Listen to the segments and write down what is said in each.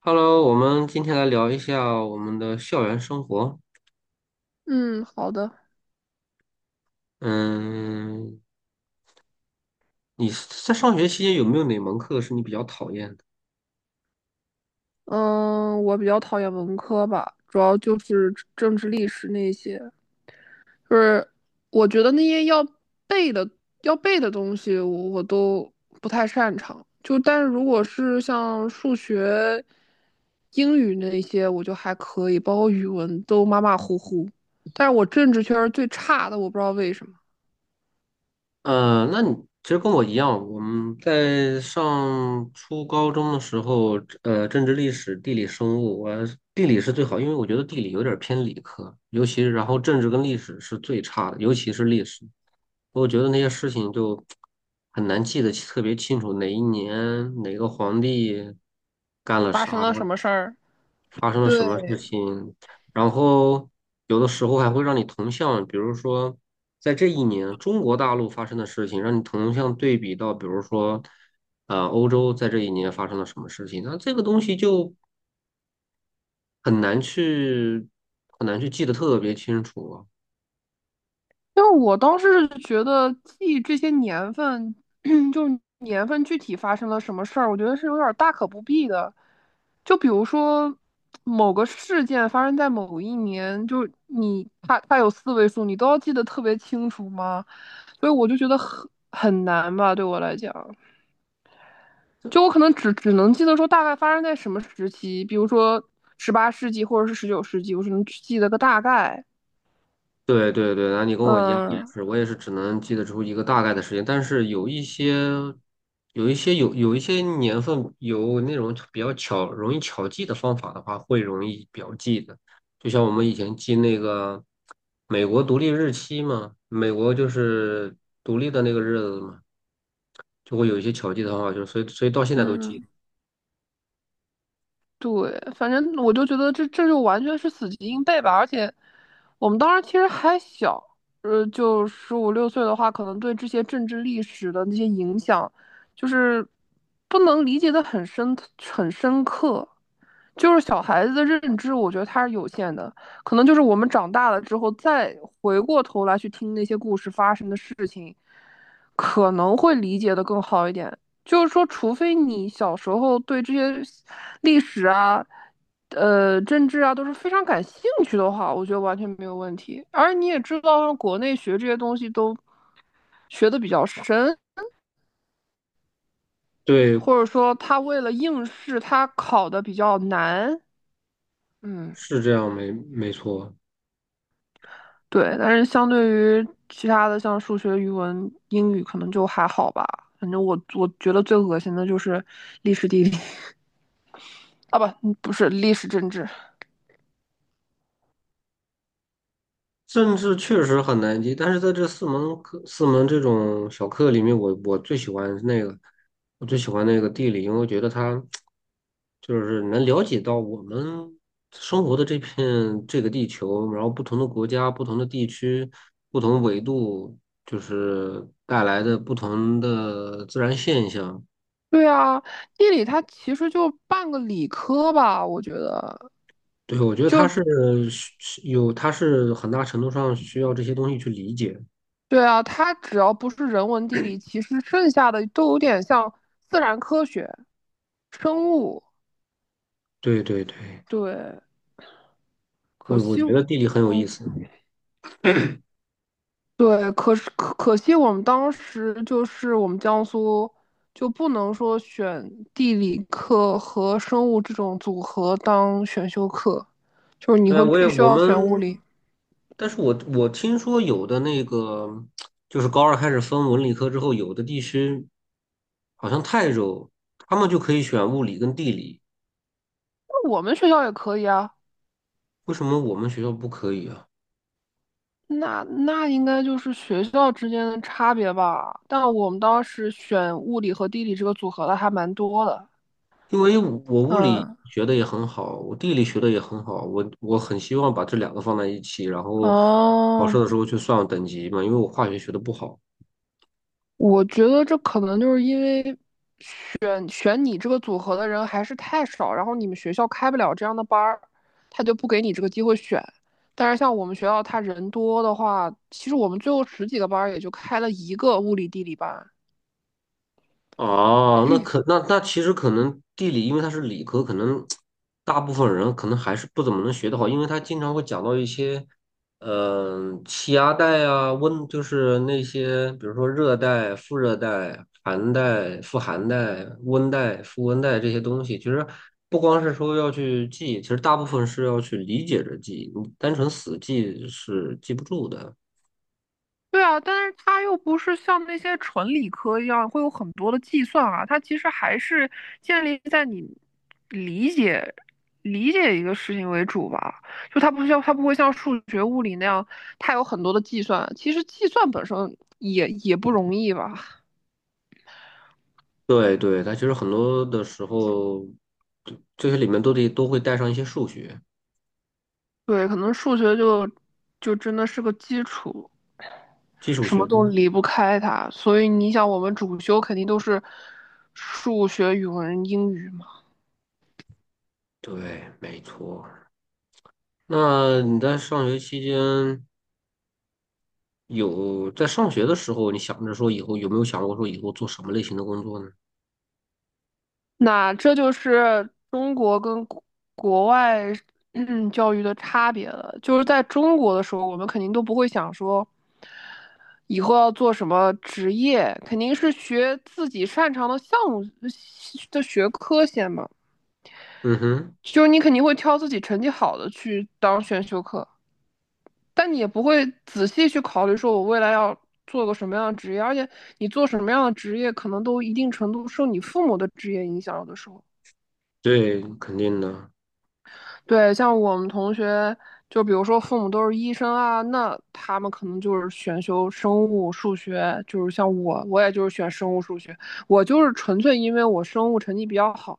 Hello，我们今天来聊一下我们的校园生活。嗯，好的。嗯，你在上学期间有没有哪门课是你比较讨厌的？嗯，我比较讨厌文科吧，主要就是政治、历史那些，就是我觉得那些要背的、背的东西我都不太擅长。就但是如果是像数学、英语那些，我就还可以，包括语文都马马虎虎。但是我政治圈儿最差的，我不知道为什么那你其实跟我一样，我们在上初高中的时候，政治、历史、地理、生物，我地理是最好，因为我觉得地理有点儿偏理科，尤其然后政治跟历史是最差的，尤其是历史，我觉得那些事情就很难记得特别清楚，哪一年哪个皇帝干了发生啥，了什么事儿。发生了什么对，事情，然后有的时候还会让你同向，比如说在这一年中国大陆发生的事情，让你同向对比到，比如说欧洲在这一年发生了什么事情，那这个东西就很难去很难去记得特别清楚啊。因为我当时是觉得记这些年份，就是年份具体发生了什么事儿，我觉得是有点儿大可不必的。就比如说某个事件发生在某一年，就是你它有四位数，你都要记得特别清楚吗？所以我就觉得很难吧，对我来讲，就我可能只能记得说大概发生在什么时期，比如说18世纪或者是19世纪，我只能记得个大概。对对对，那你跟我一样，嗯我也是只能记得出一个大概的时间，但是有一些年份有那种比较巧容易巧记的方法的话，会容易表记的。就像我们以前记那个美国独立日期嘛，美国就是独立的那个日子嘛，就会有一些巧记的方法，就是所以到现在都记嗯。得。对，反正我就觉得这就完全是死记硬背吧，而且我们当时其实还小，就十五六岁的话，可能对这些政治历史的那些影响，就是不能理解的很深刻，就是小孩子的认知，我觉得它是有限的，可能就是我们长大了之后再回过头来去听那些故事发生的事情，可能会理解的更好一点。就是说，除非你小时候对这些历史啊、政治啊都是非常感兴趣的话，我觉得完全没有问题。而你也知道，国内学这些东西都学的比较深，对，或者说他为了应试，他考的比较难。嗯，是这样，没错。对。但是相对于其他的，像数学、语文、英语，可能就还好吧。反正我觉得最恶心的就是历史地理 啊，不，不是历史政治。政治确实很难记，但是在这四门课、四门这种小课里面，我最喜欢那个地理，因为我觉得它就是能了解到我们生活的这个地球，然后不同的国家、不同的地区、不同纬度，就是带来的不同的自然现象。对啊，地理它其实就半个理科吧，我觉得。对，我觉得它是需需有，它是很大程度上需要这些东西去理解。对啊，它只要不是人文地理，其实剩下的都有点像自然科学、生物。对对对，对，可我惜我觉得地理很有意嗯，思。对，可是可惜我们当时就是我们江苏就不能说选地理课和生物这种组合当选修课，就是你对会啊，我必也须我要们，选物理。但是我听说有的那个，就是高二开始分文理科之后，有的地区好像泰州，他们就可以选物理跟地理，那我们学校也可以啊。为什么我们学校不可以啊？那应该就是学校之间的差别吧，但我们当时选物理和地理这个组合的还蛮多的。因为我物理嗯，学的也很好，我地理学的也很好，我很希望把这两个放在一起，然后考哦，试的时候去算等级嘛，因为我化学学的不好。我觉得这可能就是因为嗯选你这个组合的人还是太少，然后你们学校开不了这样的班儿，他就不给你这个机会选。但是像我们学校，他人多的话，其实我们最后十几个班儿也就开了一个物理地理班，哦，那其实可能地理，因为它是理科，大部分人可能还是不怎么能学得好，因为他经常会讲到一些，气压带啊，温就是那些，比如说热带、副热带、寒带、副寒带、温带、副温带这些东西。其实不光是说要去记，其实大部分是要去理解着记，你单纯死记是记不住的。对啊，但是它又不是像那些纯理科一样会有很多的计算啊，它其实还是建立在你理解理解一个事情为主吧。就它不会像数学、物理那样，它有很多的计算。其实计算本身也不容易吧？对对，它其实很多的时候，这些里面都会带上一些数学、对，可能数学就真的是个基础，基础什学么科。都离不开它。所以你想，我们主修肯定都是数学、语文、英语嘛。对，没错。那你在上学期间有在上学的时候，你想着说以后有没有想过说以后做什么类型的工作呢？那这就是中国跟国外教育的差别了。就是在中国的时候，我们肯定都不会想说以后要做什么职业，肯定是学自己擅长的项目的学科先嘛。嗯哼，就是你肯定会挑自己成绩好的去当选修课，但你也不会仔细去考虑说我未来要做个什么样的职业，而且你做什么样的职业，可能都一定程度受你父母的职业影响，有的时候。对，肯定的。对，像我们同学，就比如说父母都是医生啊，那他们可能就是选修生物、数学，就是像我，我也就是选生物、数学，我就是纯粹因为我生物成绩比较好，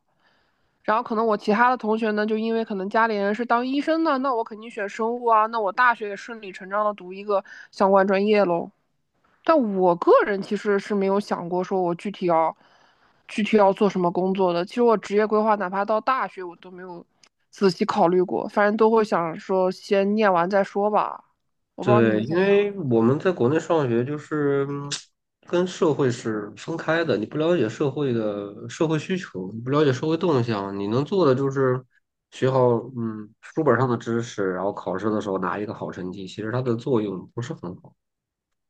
然后可能我其他的同学呢，就因为可能家里人是当医生的，那我肯定选生物啊，那我大学也顺理成章的读一个相关专业喽。但我个人其实是没有想过说我具体要做什么工作的。其实我职业规划，哪怕到大学我都没有仔细考虑过，反正都会想说先念完再说吧。我不知道你对，因怎样。为我们在国内上学就是跟社会是分开的，你不了解社会的社会需求，你不了解社会动向，你能做的就是学好书本上的知识，然后考试的时候拿一个好成绩，其实它的作用不是很好。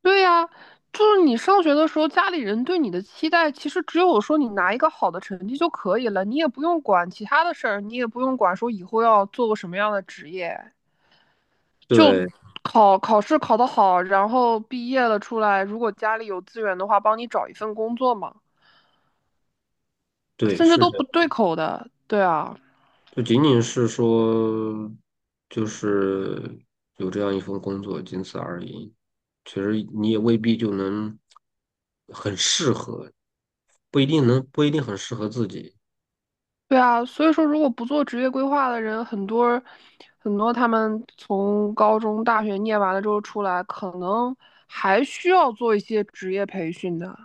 对呀，就是你上学的时候，家里人对你的期待其实只有说你拿一个好的成绩就可以了，你也不用管其他的事儿，你也不用管说以后要做个什么样的职业。就对考试考得好，然后毕业了出来，如果家里有资源的话，帮你找一份工作嘛，对，甚至是都不这。对口的。对啊，就仅仅是说，就是有这样一份工作，仅此而已。其实你也未必就能很适合，不一定很适合自己。对啊，所以说如果不做职业规划的人，很多他们从高中、大学念完了之后出来，可能还需要做一些职业培训的，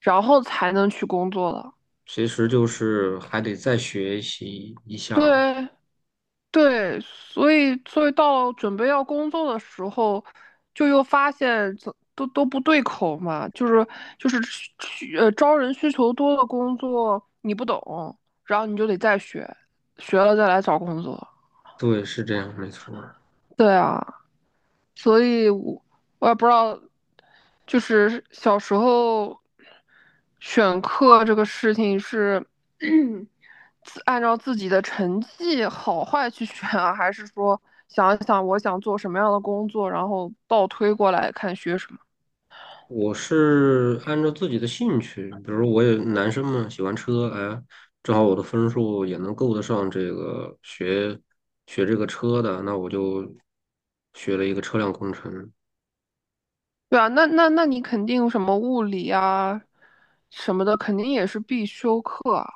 然后才能去工作的。其实就是还得再学习一下儿对，对，所以到准备要工作的时候，就又发现都不对口嘛，就是招人需求多的工作你不懂，然后你就得再学，学了再来找工作。对，是这样，没错儿对啊，所以我也不知道，就是小时候选课这个事情是。按照自己的成绩好坏去选啊，还是说想一想我想做什么样的工作，然后倒推过来看学什么？我是按照自己的兴趣，比如我也男生嘛，喜欢车，哎，正好我的分数也能够得上学这个车的，那我就学了一个车辆工程。对啊，那你肯定什么物理啊什么的，肯定也是必修课啊，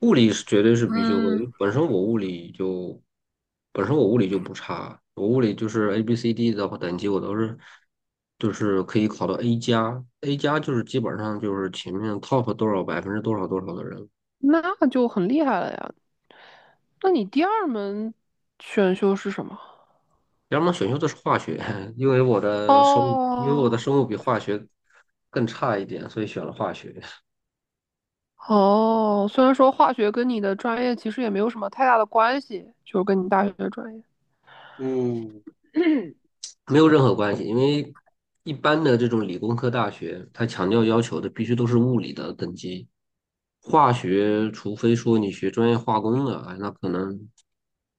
物理是绝对是必修课，因嗯，为本身我物理就不差，我物理就是 ABCD 的话等级我都是就是可以考到 A 加，A 加就是基本上就是前面 top 多少百分之多少多少的人。那就很厉害了呀。那你第二门选修是什么？要么选修的是化学，因为我的哦生物比化学更差一点，所以选了化学，哦，虽然说化学跟你的专业其实也没有什么太大的关系，就是跟你大学的专业。嗯没有任何关系。因为一般的这种理工科大学，它强调要求的必须都是物理的等级，化学除非说你学专业化工的，哎那可能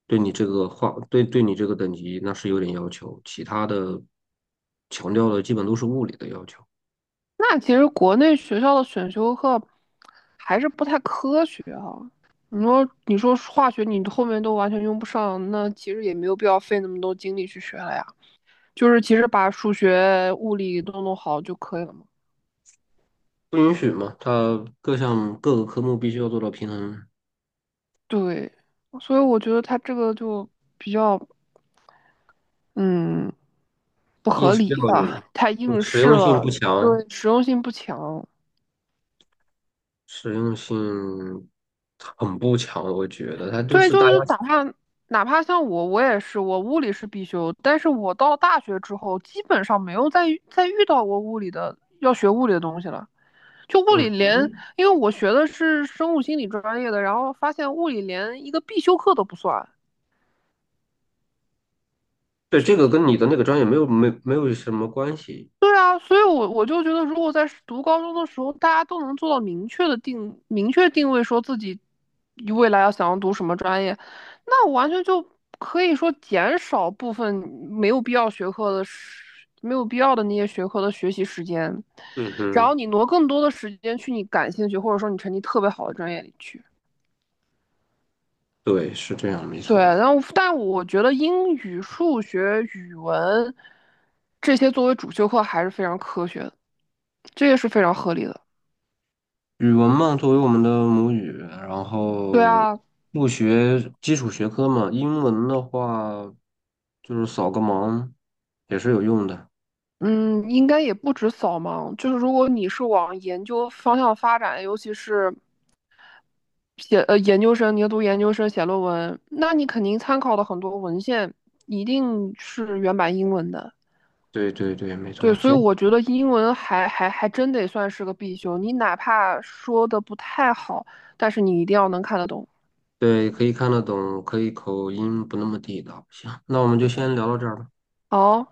对你这个化，对你这个等级那是有点要求，其他的强调的基本都是物理的要求，那其实国内学校的选修课还是不太科学哈、你说化学你后面都完全用不上，那其实也没有必要费那么多精力去学了呀。就是其实把数学、物理都弄好就可以了嘛。不允许嘛，它各项各个科目必须要做到平衡。对，所以我觉得他这个就比较嗯不应合试教理吧，育太我应实试用性了，不强，对，实用性不强。实用性很不强，我觉得它就对，是就大家，是哪怕像我，我也是，我物理是必修，但是我到大学之后，基本上没有再遇到过物理的要学物理的东西了。就物理嗯，连，嗯，因为我学的是生物心理专业的，然后发现物理连一个必修课都不算。对，这个跟你的那个专业没有什么关系，对啊，所以我就觉得，如果在读高中的时候，大家都能做到明确定位，说自己未来要想要读什么专业，那我完全就可以说减少部分没有必要学科的时没有必要的那些学科的学习时间，嗯然后哼，你挪更多的时间去你感兴趣或者说你成绩特别好的专业里去。对，是这样，没对，错。然后但我觉得英语、数学、语文这些作为主修课还是非常科学的，这也是非常合理的。语文嘛，作为我们的母语，然对后啊，不学基础学科嘛，英文的话就是扫个盲也是有用的，嗯，应该也不止扫盲，就是如果你是往研究方向发展，尤其是写呃研究生，你要读研究生写论文，那你肯定参考的很多文献一定是原版英文的。对对对，没对，错。所以行。我觉得英文还真得算是个必修，你哪怕说的不太好，但是你一定要能看得懂。对，可以看得懂，可以口音不那么地道。行，那我们就对，先聊到这儿吧。哦。